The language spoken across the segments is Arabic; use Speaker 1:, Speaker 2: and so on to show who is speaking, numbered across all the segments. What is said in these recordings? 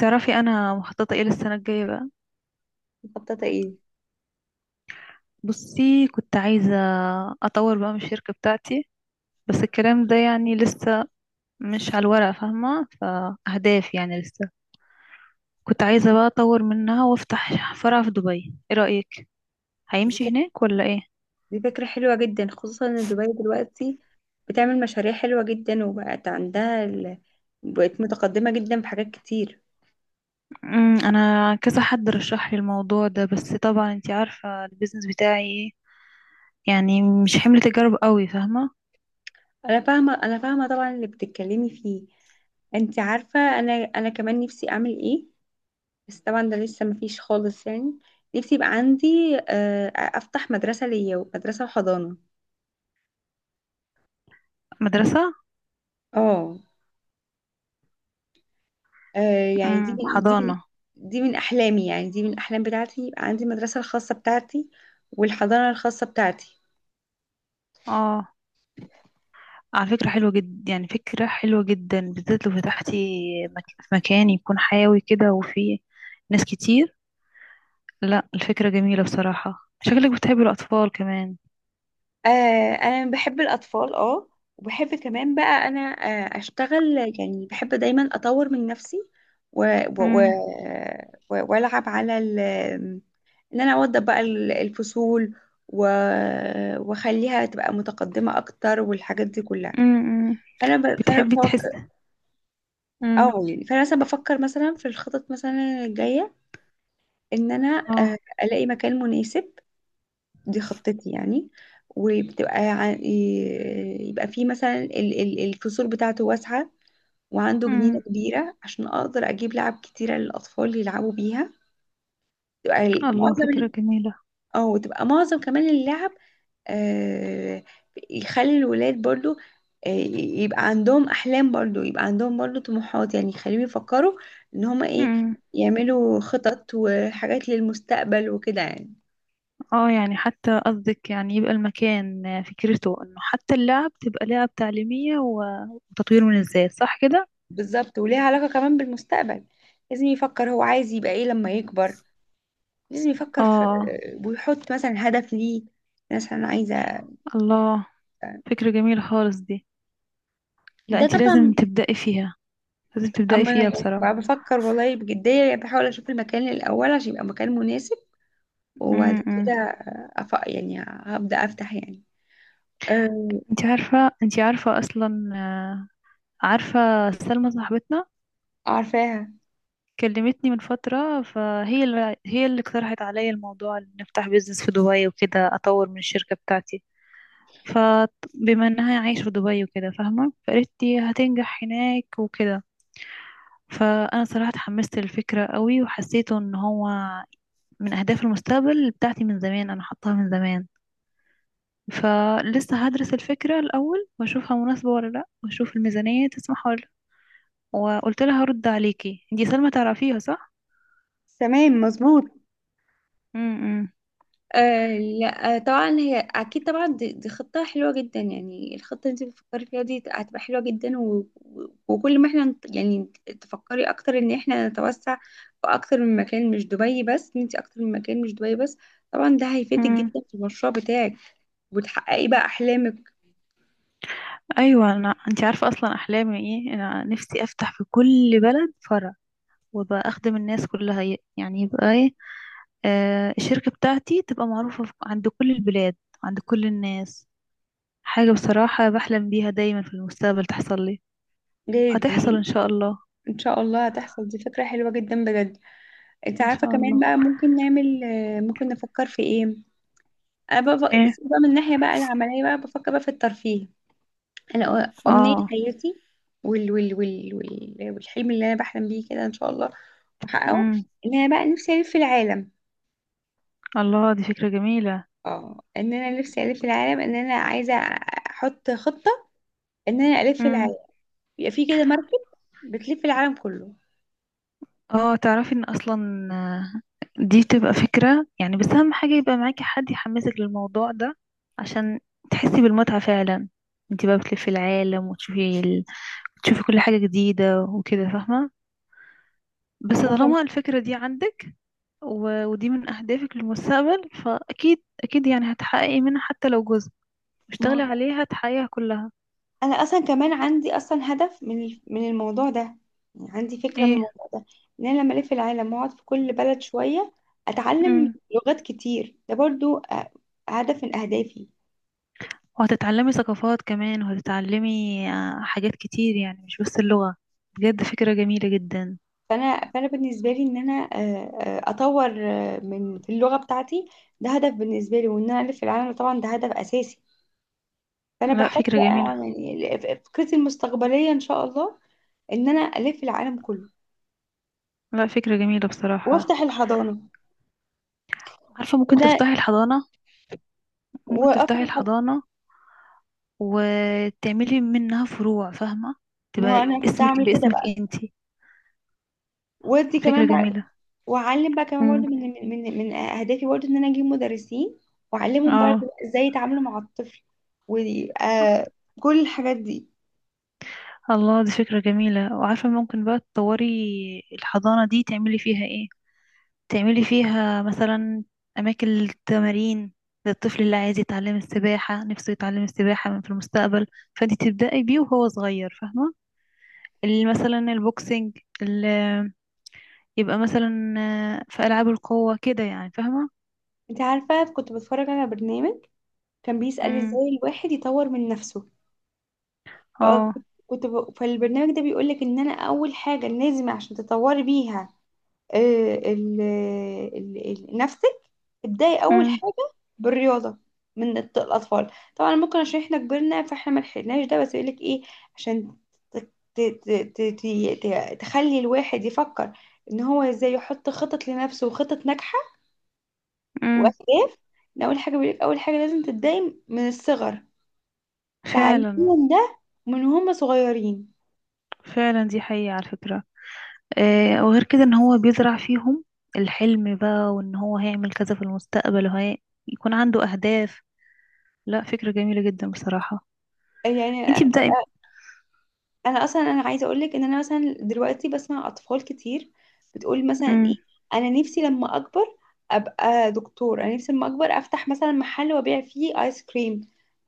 Speaker 1: تعرفي انا مخططه ايه للسنه الجايه بقى؟
Speaker 2: مخططة ايه؟
Speaker 1: بصي، كنت عايزه اطور بقى من الشركه بتاعتي. بس الكلام ده يعني لسه مش على الورق، فاهمه؟ فاهداف يعني لسه. كنت عايزه بقى اطور منها وافتح فرع في دبي. ايه رايك؟ هيمشي
Speaker 2: دي
Speaker 1: هناك ولا ايه؟
Speaker 2: دي فكرة حلوة جدا، خصوصا ان دبي دلوقتي بتعمل مشاريع حلوة جدا وبقت عندها بقت متقدمة جدا في حاجات كتير.
Speaker 1: انا كذا حد رشح لي الموضوع ده، بس طبعا انتي عارفه البيزنس بتاعي ايه، يعني مش حمل تجارب قوي، فاهمه؟
Speaker 2: انا فاهمة طبعا اللي بتتكلمي فيه. انت عارفة، انا كمان نفسي اعمل ايه. بس طبعا ده لسه مفيش خالص يعني. نفسي يبقى عندي، افتح مدرسة، ليا مدرسة وحضانة.
Speaker 1: مدرسه؟
Speaker 2: اه. آه. يعني
Speaker 1: امم، حضانه.
Speaker 2: دي من أحلامي، يعني دي من الأحلام بتاعتي، يبقى عندي المدرسة الخاصة بتاعتي والحضانة الخاصة بتاعتي.
Speaker 1: اه. على فكرة حلوة جدا، يعني فكرة حلوة جدا، بالذات لو فتحتي في مكان يكون حيوي كده وفيه ناس كتير. لا، الفكرة جميلة بصراحة، شكلك بتحبي الأطفال كمان.
Speaker 2: آه. أنا بحب الأطفال، اه. وبحب كمان بقى أنا أشتغل. يعني بحب دايما أطور من نفسي، و... و... و...
Speaker 1: امم.
Speaker 2: وألعب على إن أنا أوضب بقى الفصول، و... وأخليها تبقى متقدمة أكتر، والحاجات دي كلها.
Speaker 1: امم.
Speaker 2: فأنا
Speaker 1: بتحبي تحس.
Speaker 2: بفكر.
Speaker 1: امم.
Speaker 2: أو يعني فأنا مثلا بفكر، مثلا في الخطط مثلا الجاية، ان انا
Speaker 1: اه.
Speaker 2: الاقي مكان مناسب. دي خطتي يعني. وبتبقى يبقى فيه مثلا الفصول بتاعته واسعة، وعنده جنينة
Speaker 1: امم.
Speaker 2: كبيرة عشان اقدر اجيب لعب كتيرة للاطفال يلعبوا بيها. تبقى ال-
Speaker 1: الله،
Speaker 2: معظم
Speaker 1: فكرة
Speaker 2: ال-
Speaker 1: جميلة.
Speaker 2: اه تبقى معظم كمان اللعب، آه، يخلي الولاد برضو، يبقى عندهم احلام برضو، يبقى عندهم برضو طموحات، يعني يخليهم يفكروا ان هما ايه
Speaker 1: امم.
Speaker 2: يعملوا خطط وحاجات للمستقبل وكده يعني.
Speaker 1: اه يعني حتى قصدك، يعني يبقى المكان فكرته انه حتى اللعب تبقى لعب تعليمية وتطوير من الذات، صح كده؟
Speaker 2: بالظبط، وليها علاقة كمان بالمستقبل. لازم يفكر هو عايز يبقى ايه لما يكبر، لازم يفكر في،
Speaker 1: اه.
Speaker 2: ويحط مثلا هدف ليه، مثلا عايزة.
Speaker 1: الله، فكرة جميلة خالص دي. لا،
Speaker 2: ده
Speaker 1: انت لازم
Speaker 2: طبعا.
Speaker 1: تبدأي فيها. لازم تبدأي
Speaker 2: اما انا
Speaker 1: فيها
Speaker 2: يعني بقى
Speaker 1: بصراحة.
Speaker 2: بفكر والله بجدية، يعني بحاول اشوف المكان الاول عشان يبقى مكان مناسب. وبعد كده
Speaker 1: امم.
Speaker 2: يعني هبدأ افتح يعني أه...
Speaker 1: انت عارفة اصلا، عارفة سلمى صاحبتنا.
Speaker 2: عارفاها.
Speaker 1: كلمتني من فترة، فهي اللي اقترحت عليا الموضوع ان نفتح بيزنس في دبي وكده، اطور من الشركة بتاعتي. فبما انها عايشة في دبي وكده فاهمة، فقالت لي هتنجح هناك وكده. فانا صراحة اتحمست للفكرة قوي، وحسيته ان هو من اهداف المستقبل بتاعتي من زمان، انا حطاها من زمان. فلسه هدرس الفكرة الأول وأشوفها مناسبة ولا لأ، وأشوف الميزانية تسمح ولا لأ. وقلت لها هرد عليكي. دي سلمى تعرفيها صح؟
Speaker 2: تمام مظبوط.
Speaker 1: امم.
Speaker 2: آه. لا. آه، طبعا هي اكيد طبعا. دي خطه حلوه جدا. يعني الخطه اللي انت بتفكري فيها دي هتبقى حلوه جدا، وكل ما احنا يعني تفكري اكتر ان احنا نتوسع في اكتر من مكان مش دبي بس، ان انت اكتر من مكان مش دبي بس. طبعا ده هيفيدك جدا
Speaker 1: امم.
Speaker 2: في المشروع بتاعك وتحققي بقى احلامك.
Speaker 1: أيوة، أنا أنت عارفة أصلا أحلامي إيه. أنا نفسي أفتح في كل بلد فرع، وابقى أخدم الناس كلها، يعني يبقى إيه، الشركة بتاعتي تبقى معروفة عند كل البلاد، عند كل الناس. حاجة بصراحة بحلم بيها دايما في المستقبل تحصل لي.
Speaker 2: دي,
Speaker 1: هتحصل إن
Speaker 2: دي
Speaker 1: شاء الله.
Speaker 2: ان شاء الله هتحصل. دي فكره حلوه جدا بجد. انت
Speaker 1: إن
Speaker 2: عارفه
Speaker 1: شاء
Speaker 2: كمان
Speaker 1: الله.
Speaker 2: بقى، ممكن نعمل، ممكن نفكر في ايه. انا بقى
Speaker 1: إيه.
Speaker 2: بس بقى من الناحيه بقى العمليه بقى بفكر بقى في الترفيه. انا امنيه
Speaker 1: آه.
Speaker 2: حياتي، والحلم اللي انا بحلم بيه كده ان شاء الله واحققه، ان انا بقى نفسي الف العالم.
Speaker 1: الله، دي فكرة جميلة.
Speaker 2: اه ان انا نفسي الف العالم، ان انا عايزه احط خطه ان انا الف
Speaker 1: امم.
Speaker 2: العالم، يبقى في كده مركب بتلف العالم كله.
Speaker 1: اه. تعرفي ان اصلا، دي بتبقى فكرة يعني، بس اهم حاجة يبقى معاكي حد يحمسك للموضوع ده عشان تحسي بالمتعة فعلا. انت بقى بتلفي العالم وتشوفي تشوفي كل حاجة جديدة وكده، فاهمة؟ بس
Speaker 2: وكم
Speaker 1: طالما الفكرة دي عندك، ودي من اهدافك للمستقبل، فاكيد اكيد يعني هتحققي منها حتى لو جزء.
Speaker 2: ما
Speaker 1: اشتغلي
Speaker 2: هو
Speaker 1: عليها تحققيها كلها.
Speaker 2: انا اصلا كمان عندي اصلا هدف من الموضوع ده، يعني عندي فكره من
Speaker 1: ايه.
Speaker 2: الموضوع ده. ان انا لما الف العالم واقعد في كل بلد شويه اتعلم
Speaker 1: امم.
Speaker 2: لغات كتير، ده برضو هدف من اهدافي.
Speaker 1: وهتتعلمي ثقافات كمان، وهتتعلمي حاجات كتير، يعني مش بس اللغة. بجد فكرة جميلة جدا.
Speaker 2: فانا بالنسبه لي ان انا، اطور، من في اللغه بتاعتي، ده هدف بالنسبه لي. وان انا الف العالم طبعا ده هدف اساسي. فانا
Speaker 1: لا،
Speaker 2: بحط
Speaker 1: فكرة
Speaker 2: بقى،
Speaker 1: جميلة.
Speaker 2: يعني فكرتي المستقبليه ان شاء الله ان انا الف العالم كله
Speaker 1: لا، فكرة جميلة بصراحة.
Speaker 2: وافتح الحضانه
Speaker 1: عارفة ممكن
Speaker 2: وده
Speaker 1: تفتحي الحضانة؟ ممكن
Speaker 2: وافتح
Speaker 1: تفتحي
Speaker 2: الحضانه
Speaker 1: الحضانة وتعملي منها فروع، فاهمة؟
Speaker 2: ما هو
Speaker 1: تبقى
Speaker 2: انا كنت
Speaker 1: اسمك
Speaker 2: اعمل كده
Speaker 1: باسمك
Speaker 2: بقى،
Speaker 1: انتي.
Speaker 2: ودي
Speaker 1: فكرة
Speaker 2: كمان بقى.
Speaker 1: جميلة.
Speaker 2: واعلم بقى كمان برضه
Speaker 1: امم.
Speaker 2: من اهدافي برضه، ان انا اجيب مدرسين واعلمهم
Speaker 1: اه.
Speaker 2: برضه ازاي يتعاملوا مع الطفل وكل الحاجات دي.
Speaker 1: الله، دي فكرة جميلة. وعارفة ممكن بقى تطوري الحضانة دي تعملي فيها ايه؟ تعملي فيها مثلا أماكن للتمارين، للطفل اللي عايز يتعلم السباحة نفسه يتعلم السباحة من في المستقبل، فانت تبدأي بيه وهو صغير، فاهمة؟ اللي مثلا البوكسينج، اللي يبقى مثلا في ألعاب القوة كده يعني، فاهمة؟
Speaker 2: انت عارفه، كنت بتفرج على برنامج كان بيسأل
Speaker 1: امم.
Speaker 2: ازاي الواحد يطور من نفسه.
Speaker 1: اه.
Speaker 2: فالبرنامج ده بيقولك ان انا اول حاجة لازم عشان تطوري بيها، آه، ال... ال... نفسك. ابدأي اول
Speaker 1: امم.
Speaker 2: حاجة بالرياضة، من الاطفال طبعا ممكن، عشان احنا كبرنا فاحنا ما لحقناش ده. بس يقولك ايه، عشان ت... ت... ت... تخلي الواحد يفكر ان هو ازاي يحط خطط لنفسه وخطط ناجحة
Speaker 1: امم.
Speaker 2: واهداف. إن اول حاجة بيقولك، اول حاجة لازم تبدأي من الصغر
Speaker 1: فعلا.
Speaker 2: تعليمهم ده، من هم صغيرين.
Speaker 1: فعلا، دي حقيقة على فكرة. آه، وغير كده ان هو بيزرع فيهم الحلم بقى، وان هو هيعمل كذا في المستقبل، وهي يكون عنده أهداف. لا، فكرة جميلة جدا بصراحة.
Speaker 2: يعني
Speaker 1: انتي بدأي.
Speaker 2: انا اصلا انا عايزه اقول لك ان انا مثلا دلوقتي بسمع اطفال كتير بتقول مثلا ايه.
Speaker 1: امم.
Speaker 2: انا نفسي لما اكبر ابقى دكتور، انا نفسي لما اكبر افتح مثلا محل وابيع فيه ايس كريم،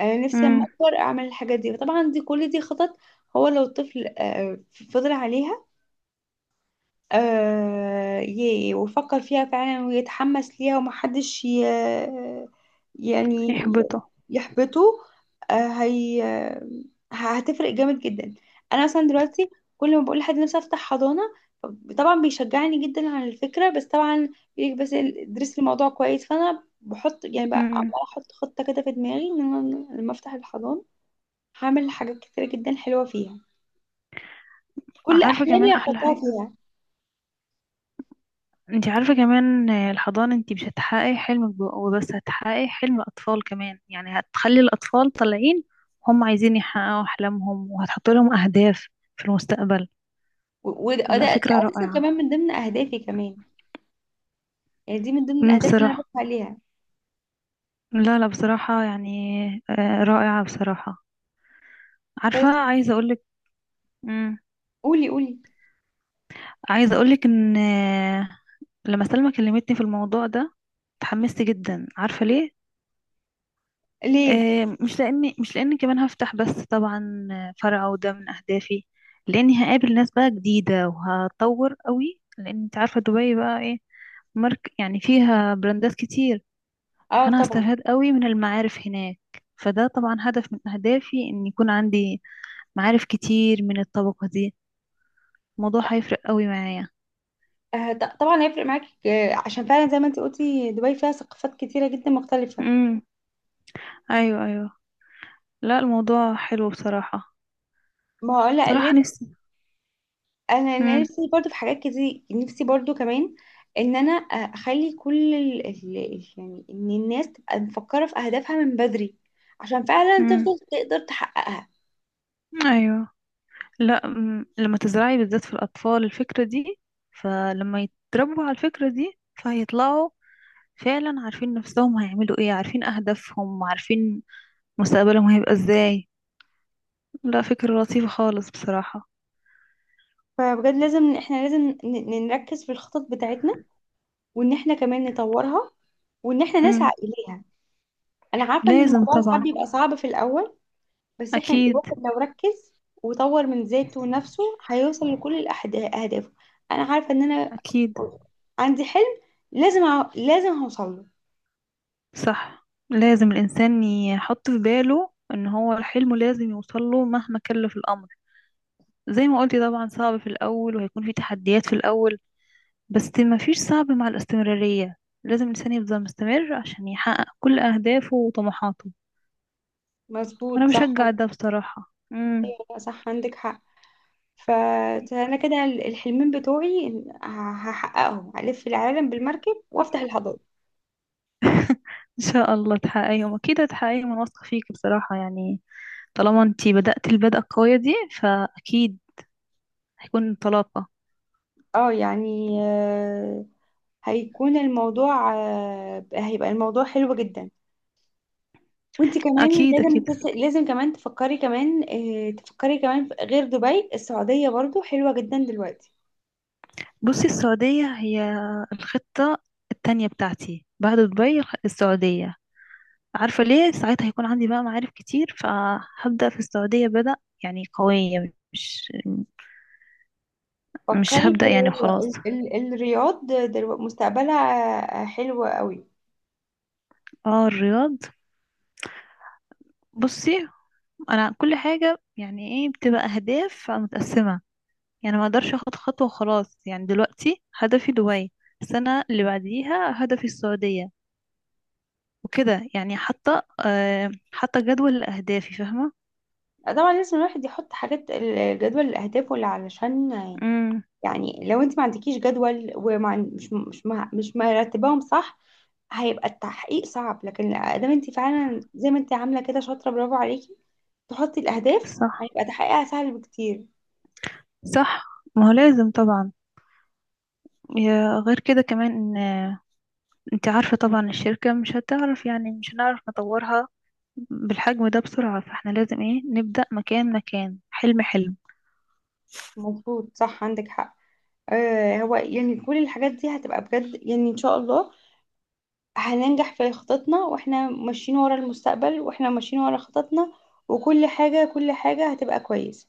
Speaker 2: انا نفسي لما
Speaker 1: امم.
Speaker 2: اكبر اعمل الحاجات دي. طبعا دي كل دي خطط. هو لو الطفل فضل عليها، ويفكر فيها فعلا ويتحمس ليها ومحدش يعني
Speaker 1: يحبطه.
Speaker 2: يحبطه، آه هي هتفرق جامد جدا. انا مثلا دلوقتي كل ما بقول لحد نفسي افتح حضانة، طبعا بيشجعني جدا على الفكرة. بس طبعا بيقولك بس ادرس الموضوع كويس، فانا بحط يعني بقى
Speaker 1: امم.
Speaker 2: عمالة احط خطة كده في دماغي ان انا لما افتح الحضانة هعمل حاجات كتيرة جدا حلوة فيها، كل
Speaker 1: عارفة كمان
Speaker 2: احلامي
Speaker 1: أحلى
Speaker 2: هحطها
Speaker 1: حاجة؟
Speaker 2: فيها.
Speaker 1: انتي عارفة كمان، الحضانة انتي مش هتحققي حلمك وبس، هتحققي حلم أطفال كمان، يعني هتخلي الأطفال طالعين هم عايزين يحققوا أحلامهم، وهتحط لهم أهداف في المستقبل.
Speaker 2: و- وده ده ده
Speaker 1: لا، فكرة
Speaker 2: اساسا
Speaker 1: رائعة.
Speaker 2: كمان من ضمن اهدافي كمان، يعني دي من ضمن
Speaker 1: أمم،
Speaker 2: الاهداف اللي انا
Speaker 1: بصراحة.
Speaker 2: بسعى ليها.
Speaker 1: لا لا بصراحة، يعني رائعة بصراحة. عارفة
Speaker 2: بس
Speaker 1: عايزة أقولك. امم.
Speaker 2: قولي قولي.
Speaker 1: عايزة أقولك إن، لما سلمى كلمتني في الموضوع ده اتحمست جدا، عارفة ليه؟
Speaker 2: ليه؟
Speaker 1: مش لاني كمان هفتح بس طبعا فرع وده من اهدافي، لاني هقابل ناس بقى جديده وهتطور قوي، لان انت عارفه دبي بقى ايه. مارك، يعني فيها براندات كتير.
Speaker 2: اه
Speaker 1: فانا
Speaker 2: طبعا.
Speaker 1: هستفاد قوي من المعارف هناك. فده طبعا هدف من اهدافي ان يكون عندي معارف كتير من الطبقه دي. الموضوع
Speaker 2: لا،
Speaker 1: هيفرق قوي معايا.
Speaker 2: طبعا هيفرق معاكي، عشان فعلا زي ما انت قلتي دبي فيها ثقافات كتيره جدا مختلفه.
Speaker 1: امم. ايوه، ايوه. لا، الموضوع حلو بصراحه.
Speaker 2: ما هو لا
Speaker 1: بصراحه نفسي.
Speaker 2: انا
Speaker 1: امم.
Speaker 2: نفسي برضو في حاجات كتير، نفسي برضو كمان، ان انا اخلي كل يعني ان الناس تبقى مفكره في اهدافها من بدري، عشان فعلا
Speaker 1: امم.
Speaker 2: تفضل تقدر تحققها.
Speaker 1: ايوه. لا، لما تزرعي بالذات في الأطفال الفكرة دي، فلما يتربوا على الفكرة دي فهيطلعوا فعلا عارفين نفسهم هيعملوا ايه، عارفين أهدافهم، عارفين مستقبلهم هيبقى ازاي. لا، فكرة لطيفة خالص بصراحة.
Speaker 2: فبجد لازم احنا، لازم نركز في الخطط بتاعتنا، وان احنا كمان نطورها، وان احنا نسعى
Speaker 1: مم.
Speaker 2: اليها. انا عارفه ان
Speaker 1: لازم
Speaker 2: الموضوع ساعات
Speaker 1: طبعا.
Speaker 2: بيبقى صعب في الاول، بس احنا
Speaker 1: أكيد.
Speaker 2: الواحد لو ركز وطور من ذاته ونفسه هيوصل لكل اهدافه. انا عارفه ان انا
Speaker 1: أكيد.
Speaker 2: عندي حلم، لازم لازم هوصل له.
Speaker 1: صح، لازم الإنسان يحط في باله إن هو حلمه لازم يوصله مهما كلف الأمر. زي ما قلتي طبعا، صعب في الأول وهيكون في تحديات في الأول، بس مفيش صعب مع الاستمرارية. لازم الإنسان يفضل مستمر عشان يحقق كل أهدافه وطموحاته. وأنا
Speaker 2: مظبوط صح.
Speaker 1: بشجع ده بصراحة. مم.
Speaker 2: أيوة، صح عندك حق. ف- فانا كده الحلمين بتوعي هحققهم: الف العالم بالمركب وافتح الحضاره.
Speaker 1: إن شاء الله تحققيهم، أكيد هتحققيهم، أنا واثقة فيك بصراحة يعني. طالما أنتي بدأت البدءة القوية دي، فأكيد هيكون انطلاقة.
Speaker 2: اه يعني هيكون الموضوع آه، هيبقى الموضوع حلو جدا. وانت كمان
Speaker 1: أكيد،
Speaker 2: لازم
Speaker 1: أكيد.
Speaker 2: لازم كمان تفكري كمان غير دبي، السعودية برضو حلوة جدا دلوقتي.
Speaker 1: بصي، السعودية هي الخطة التانية بتاعتي بعد دبي. السعودية، عارفة ليه؟ ساعتها هيكون عندي بقى معارف كتير، فهبدأ في السعودية بدأ يعني قوية. مش
Speaker 2: فكري في
Speaker 1: هبدأ يعني وخلاص.
Speaker 2: الرياض، مستقبلها حلو قوي.
Speaker 1: اه، الرياض. بصي، انا كل حاجة يعني ايه، بتبقى اهداف متقسمة يعني. ما اقدرش اخد خطوة وخلاص. يعني دلوقتي هدفي دبي، السنة اللي بعديها هدفي السعودية، وكده يعني. حتى حتى جدول لأهدافي، فاهمة؟
Speaker 2: طبعا لازم الواحد يحط حاجات الجدول الأهداف واللي علشان،
Speaker 1: امم.
Speaker 2: يعني لو انت ما عندكيش جدول ومش مش مش مش مرتباهم صح، هيبقى التحقيق صعب. لكن ادام انت فعلا زي ما انت عامله كده شاطره، برافو عليكي تحطي الاهداف،
Speaker 1: صح.
Speaker 2: هيبقى تحقيقها سهل بكتير.
Speaker 1: صح. ما هو لازم طبعا. غير كده كمان ان انت عارفة طبعا الشركة مش هتعرف، يعني مش هنعرف نطورها بالحجم ده بسرعة، فاحنا لازم ايه، نبدأ مكان مكان، حلم حلم.
Speaker 2: مظبوط صح عندك حق. هو يعني كل الحاجات دي هتبقى بجد يعني ان شاء الله هننجح في خططنا، واحنا ماشيين ورا المستقبل، واحنا ماشيين ورا خططنا، وكل حاجه كل حاجه هتبقى كويسه.